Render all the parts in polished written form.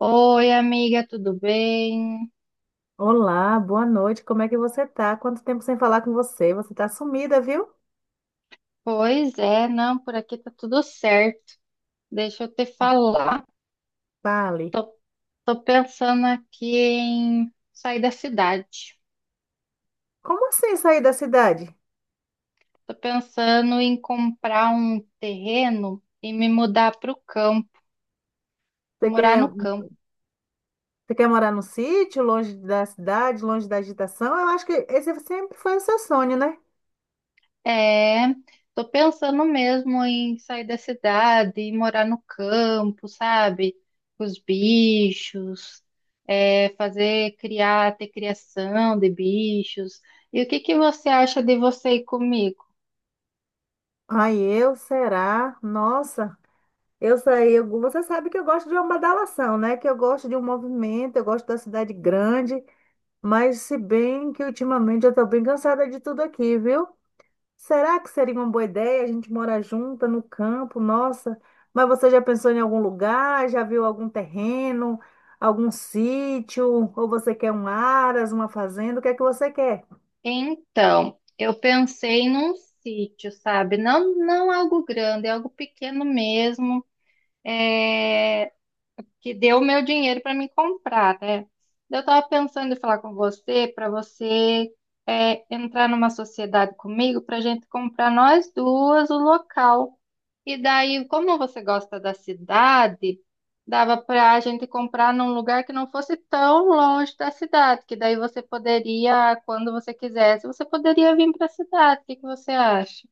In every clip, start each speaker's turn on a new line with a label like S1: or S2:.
S1: Oi, amiga, tudo bem?
S2: Olá, boa noite. Como é que você tá? Quanto tempo sem falar com você? Você tá sumida, viu?
S1: Pois é, não, por aqui tá tudo certo. Deixa eu te
S2: Ó,
S1: falar.
S2: Fale.
S1: Tô, tô pensando aqui em sair da cidade.
S2: Como assim sair da cidade?
S1: Tô pensando em comprar um terreno e me mudar para o campo,
S2: Você
S1: morar
S2: quer,
S1: no
S2: você
S1: campo.
S2: quer morar num sítio, longe da cidade, longe da agitação? Eu acho que esse sempre foi o seu sonho, né?
S1: É, tô pensando mesmo em sair da cidade e morar no campo, sabe? Com os bichos, é, fazer, criar, ter criação de bichos. E o que que você acha de você ir comigo?
S2: Ai, eu, será? Nossa, eu saí. Você sabe que eu gosto de uma badalação, né? Que eu gosto de um movimento, eu gosto da cidade grande. Mas se bem que ultimamente eu tô bem cansada de tudo aqui, viu? Será que seria uma boa ideia a gente morar junta no campo? Nossa, mas você já pensou em algum lugar? Já viu algum terreno, algum sítio? Ou você quer um aras, uma fazenda? O que é que você quer?
S1: Então, eu pensei num sítio, sabe? Não, não algo grande, é algo pequeno mesmo. É, que deu o meu dinheiro para me comprar, né? Eu estava pensando em falar com você para você é, entrar numa sociedade comigo para a gente comprar nós duas o local. E daí, como você gosta da cidade, dava para a gente comprar num lugar que não fosse tão longe da cidade, que daí você poderia, quando você quisesse, você poderia vir para a cidade. O que que você acha?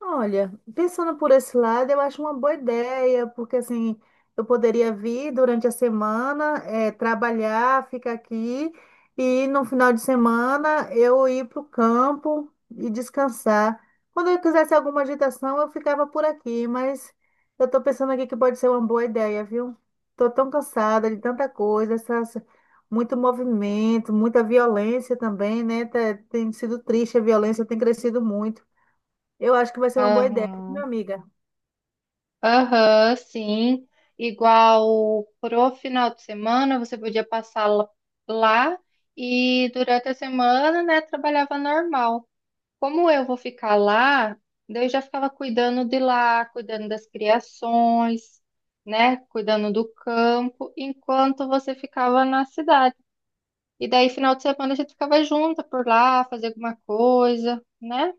S2: Olha, pensando por esse lado, eu acho uma boa ideia, porque assim, eu poderia vir durante a semana, trabalhar, ficar aqui, e no final de semana eu ir para o campo e descansar. Quando eu quisesse alguma agitação, eu ficava por aqui, mas eu estou pensando aqui que pode ser uma boa ideia, viu? Estou tão cansada de tanta coisa, muito movimento, muita violência também, né? Tem sido triste, a violência tem crescido muito. Eu acho que vai ser uma boa ideia, minha
S1: Aham.
S2: amiga.
S1: Aham, sim. Igual pro final de semana, você podia passar lá e durante a semana, né, trabalhava normal. Como eu vou ficar lá, daí eu já ficava cuidando de lá, cuidando das criações, né, cuidando do campo, enquanto você ficava na cidade. E daí, final de semana, a gente ficava junto por lá, fazer alguma coisa, né?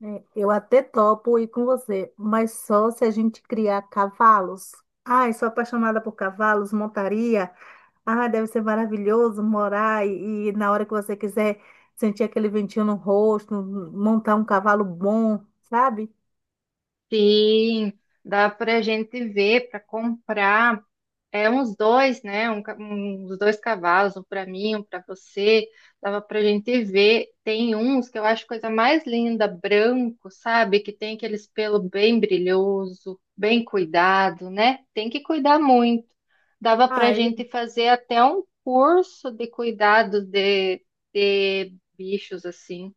S2: É, eu até topo ir com você, mas só se a gente criar cavalos. Ai, sou apaixonada por cavalos, montaria. Ai, deve ser maravilhoso morar e na hora que você quiser sentir aquele ventinho no rosto, montar um cavalo bom, sabe?
S1: Sim, dá pra gente ver, pra comprar. É uns dois, né? Um, uns dois cavalos, um para mim, um para você. Dava para gente ver. Tem uns que eu acho coisa mais linda, branco, sabe? Que tem aqueles pelo bem brilhoso, bem cuidado, né? Tem que cuidar muito. Dava
S2: Ah,
S1: para gente fazer até um curso de cuidado de bichos assim.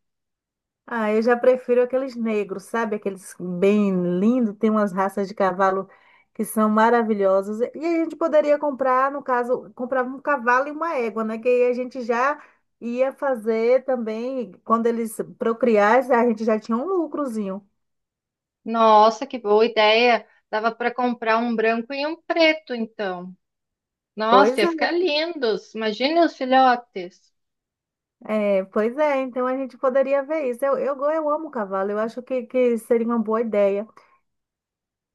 S2: Ah, eu já prefiro aqueles negros, sabe? Aqueles bem lindos, tem umas raças de cavalo que são maravilhosas. E a gente poderia comprar, no caso, comprava um cavalo e uma égua, né? Que aí a gente já ia fazer também, quando eles procriassem, a gente já tinha um lucrozinho.
S1: Nossa, que boa ideia! Dava para comprar um branco e um preto, então. Nossa,
S2: Pois
S1: ia
S2: é,
S1: ficar lindos. Imagine os filhotes.
S2: é, pois é, então a gente poderia ver isso. Eu amo cavalo, eu acho que seria uma boa ideia.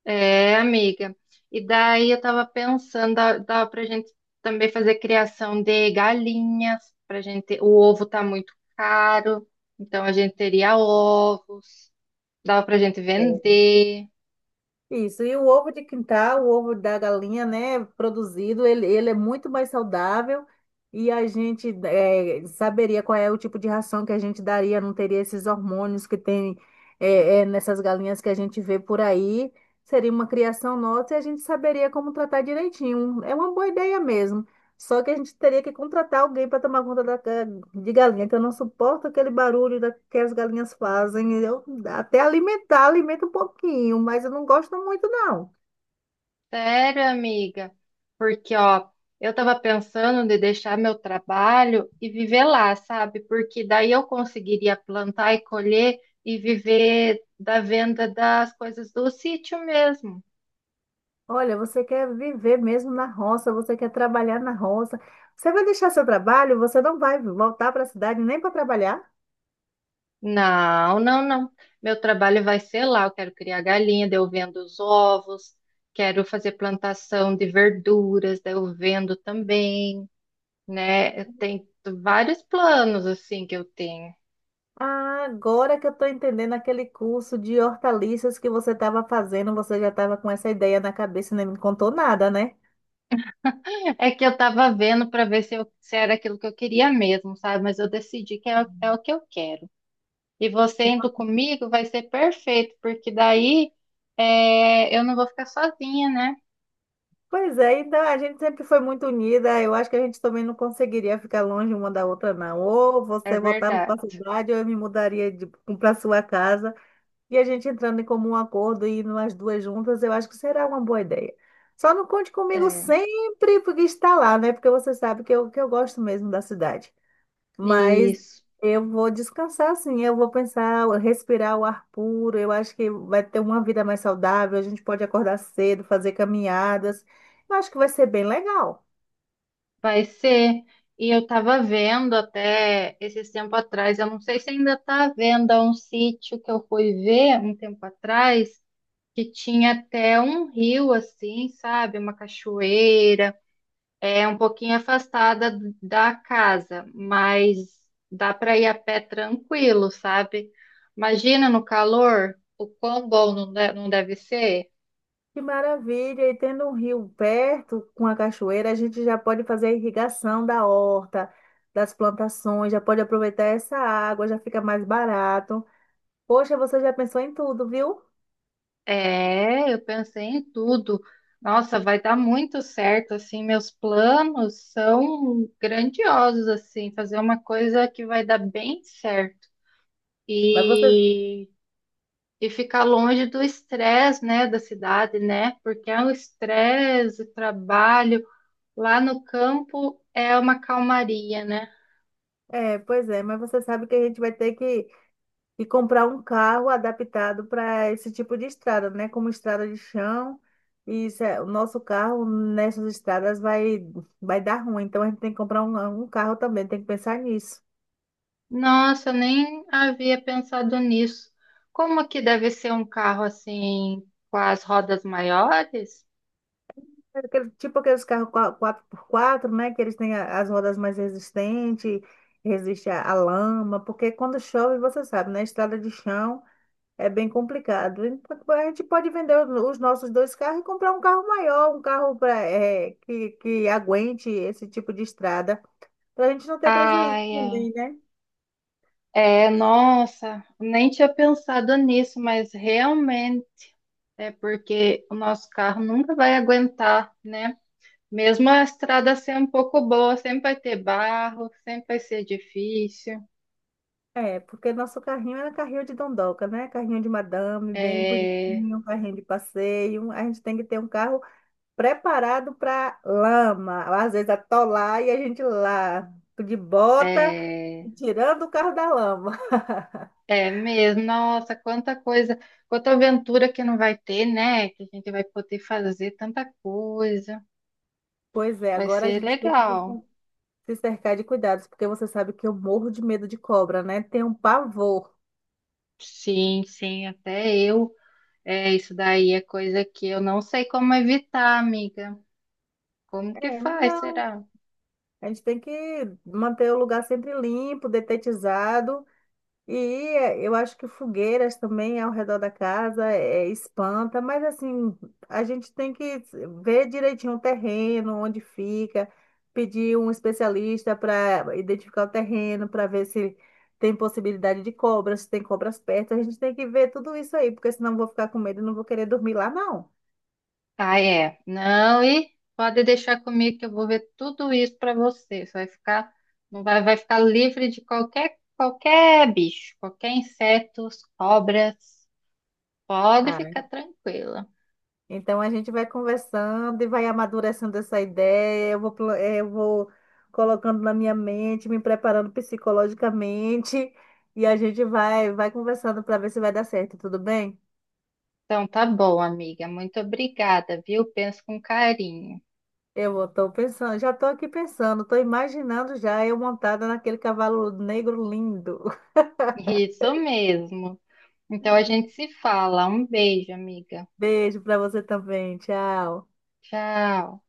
S1: É, amiga. E daí eu tava pensando, dava pra gente também fazer criação de galinhas, pra gente, o ovo tá muito caro, então a gente teria ovos, dava pra gente vender.
S2: Isso, e o ovo de quintal, o ovo da galinha, né, produzido, ele é muito mais saudável e a gente saberia qual é o tipo de ração que a gente daria, não teria esses hormônios que tem nessas galinhas que a gente vê por aí. Seria uma criação nossa e a gente saberia como tratar direitinho. É uma boa ideia mesmo. Só que a gente teria que contratar alguém para tomar conta de galinha, que eu não suporto aquele barulho que as galinhas fazem. Eu até alimentar, alimento um pouquinho, mas eu não gosto muito, não.
S1: Sério, amiga? Porque, ó, eu tava pensando de deixar meu trabalho e viver lá, sabe? Porque daí eu conseguiria plantar e colher e viver da venda das coisas do sítio mesmo.
S2: Olha, você quer viver mesmo na roça, você quer trabalhar na roça. Você vai deixar seu trabalho, você não vai voltar para a cidade nem para trabalhar?
S1: Não, não, não. Meu trabalho vai ser lá. Eu quero criar galinha, daí eu vendo os ovos, quero fazer plantação de verduras, daí eu vendo também, né? Eu tenho vários planos assim que eu tenho.
S2: Ah, agora que eu estou entendendo aquele curso de hortaliças que você estava fazendo, você já estava com essa ideia na cabeça e nem me contou nada, né?
S1: É que eu tava vendo para ver se, se era aquilo que eu queria mesmo, sabe? Mas eu decidi que é, é o que eu quero. E você indo comigo vai ser perfeito, porque daí é, eu não vou ficar sozinha, né?
S2: Pois é, então a gente sempre foi muito unida. Eu acho que a gente também não conseguiria ficar longe uma da outra, não. Ou
S1: É
S2: você voltava para a
S1: verdade.
S2: cidade, ou eu me mudaria para sua casa. E a gente entrando em comum acordo e indo as duas juntas, eu acho que será uma boa ideia. Só não conte comigo
S1: É.
S2: sempre porque está lá, né? Porque você sabe que eu gosto mesmo da cidade. Mas
S1: Isso.
S2: eu vou descansar, assim, eu vou pensar, respirar o ar puro, eu acho que vai ter uma vida mais saudável, a gente pode acordar cedo, fazer caminhadas. Eu acho que vai ser bem legal.
S1: Vai ser. E eu tava vendo até esses tempo atrás, eu não sei se ainda tá à venda um sítio que eu fui ver um tempo atrás, que tinha até um rio assim, sabe? Uma cachoeira, é um pouquinho afastada da casa, mas dá para ir a pé tranquilo, sabe? Imagina no calor, o quão bom não não deve ser.
S2: Que maravilha! E tendo um rio perto com a cachoeira, a gente já pode fazer a irrigação da horta, das plantações, já pode aproveitar essa água, já fica mais barato. Poxa, você já pensou em tudo, viu?
S1: É, eu pensei em tudo. Nossa, vai dar muito certo, assim, meus planos são grandiosos, assim, fazer uma coisa que vai dar bem certo.
S2: Mas você,
S1: E, e ficar longe do estresse, né, da cidade, né? Porque é o estresse, o trabalho, lá no campo é uma calmaria, né?
S2: É, pois é, mas você sabe que a gente vai ter que comprar um carro adaptado para esse tipo de estrada, né? Como estrada de chão. E o nosso carro nessas estradas vai dar ruim. Então a gente tem que comprar um carro também, tem que pensar nisso.
S1: Nossa, eu nem havia pensado nisso. Como que deve ser um carro assim, com as rodas maiores?
S2: Tipo aqueles carros quatro por quatro, né? Que eles têm as rodas mais resistentes, resiste à lama, porque quando chove, você sabe, né? Estrada de chão. É bem complicado. A gente pode vender os nossos dois carros e comprar um carro maior, um carro pra que aguente esse tipo de estrada, para a gente não ter prejuízo
S1: Ai, é.
S2: também, né?
S1: É, nossa, nem tinha pensado nisso, mas realmente é porque o nosso carro nunca vai aguentar, né? Mesmo a estrada ser um pouco boa, sempre vai ter barro, sempre vai ser difícil.
S2: É, porque nosso carrinho era carrinho de dondoca, né? Carrinho de madame, bem
S1: É,
S2: bonitinho, carrinho de passeio. A gente tem que ter um carro preparado para lama, às vezes atolar e a gente lá de bota,
S1: é,
S2: tirando o carro da lama.
S1: é mesmo, nossa, quanta coisa, quanta aventura que não vai ter, né? Que a gente vai poder fazer tanta coisa.
S2: Pois é,
S1: Vai
S2: agora a
S1: ser
S2: gente tem que
S1: legal.
S2: se cercar de cuidados, porque você sabe que eu morro de medo de cobra, né? Tenho um pavor.
S1: Sim, sim, até eu. É, isso daí é coisa que eu não sei como evitar, amiga. Como que
S2: É,
S1: faz,
S2: não.
S1: será?
S2: A gente tem que manter o lugar sempre limpo, detetizado. E eu acho que fogueiras também ao redor da casa espanta, mas assim, a gente tem que ver direitinho o terreno, onde fica, pedir um especialista para identificar o terreno, para ver se tem possibilidade de cobras, se tem cobras perto. A gente tem que ver tudo isso aí, porque senão eu vou ficar com medo e não vou querer dormir lá, não.
S1: Ah, é. Não, e pode deixar comigo que eu vou ver tudo isso para você. Você vai ficar, não vai, vai ficar livre de qualquer bicho, qualquer insetos, cobras. Pode ficar tranquila.
S2: Então a gente vai conversando e vai amadurecendo essa ideia. Eu vou colocando na minha mente, me preparando psicologicamente e a gente vai conversando para ver se vai dar certo, tudo bem?
S1: Então tá bom, amiga. Muito obrigada, viu? Penso com carinho.
S2: Eu estou pensando, já estou aqui pensando, estou imaginando já eu montada naquele cavalo negro lindo.
S1: Isso mesmo. Então a gente se fala. Um beijo, amiga.
S2: Beijo para você também, tchau.
S1: Tchau.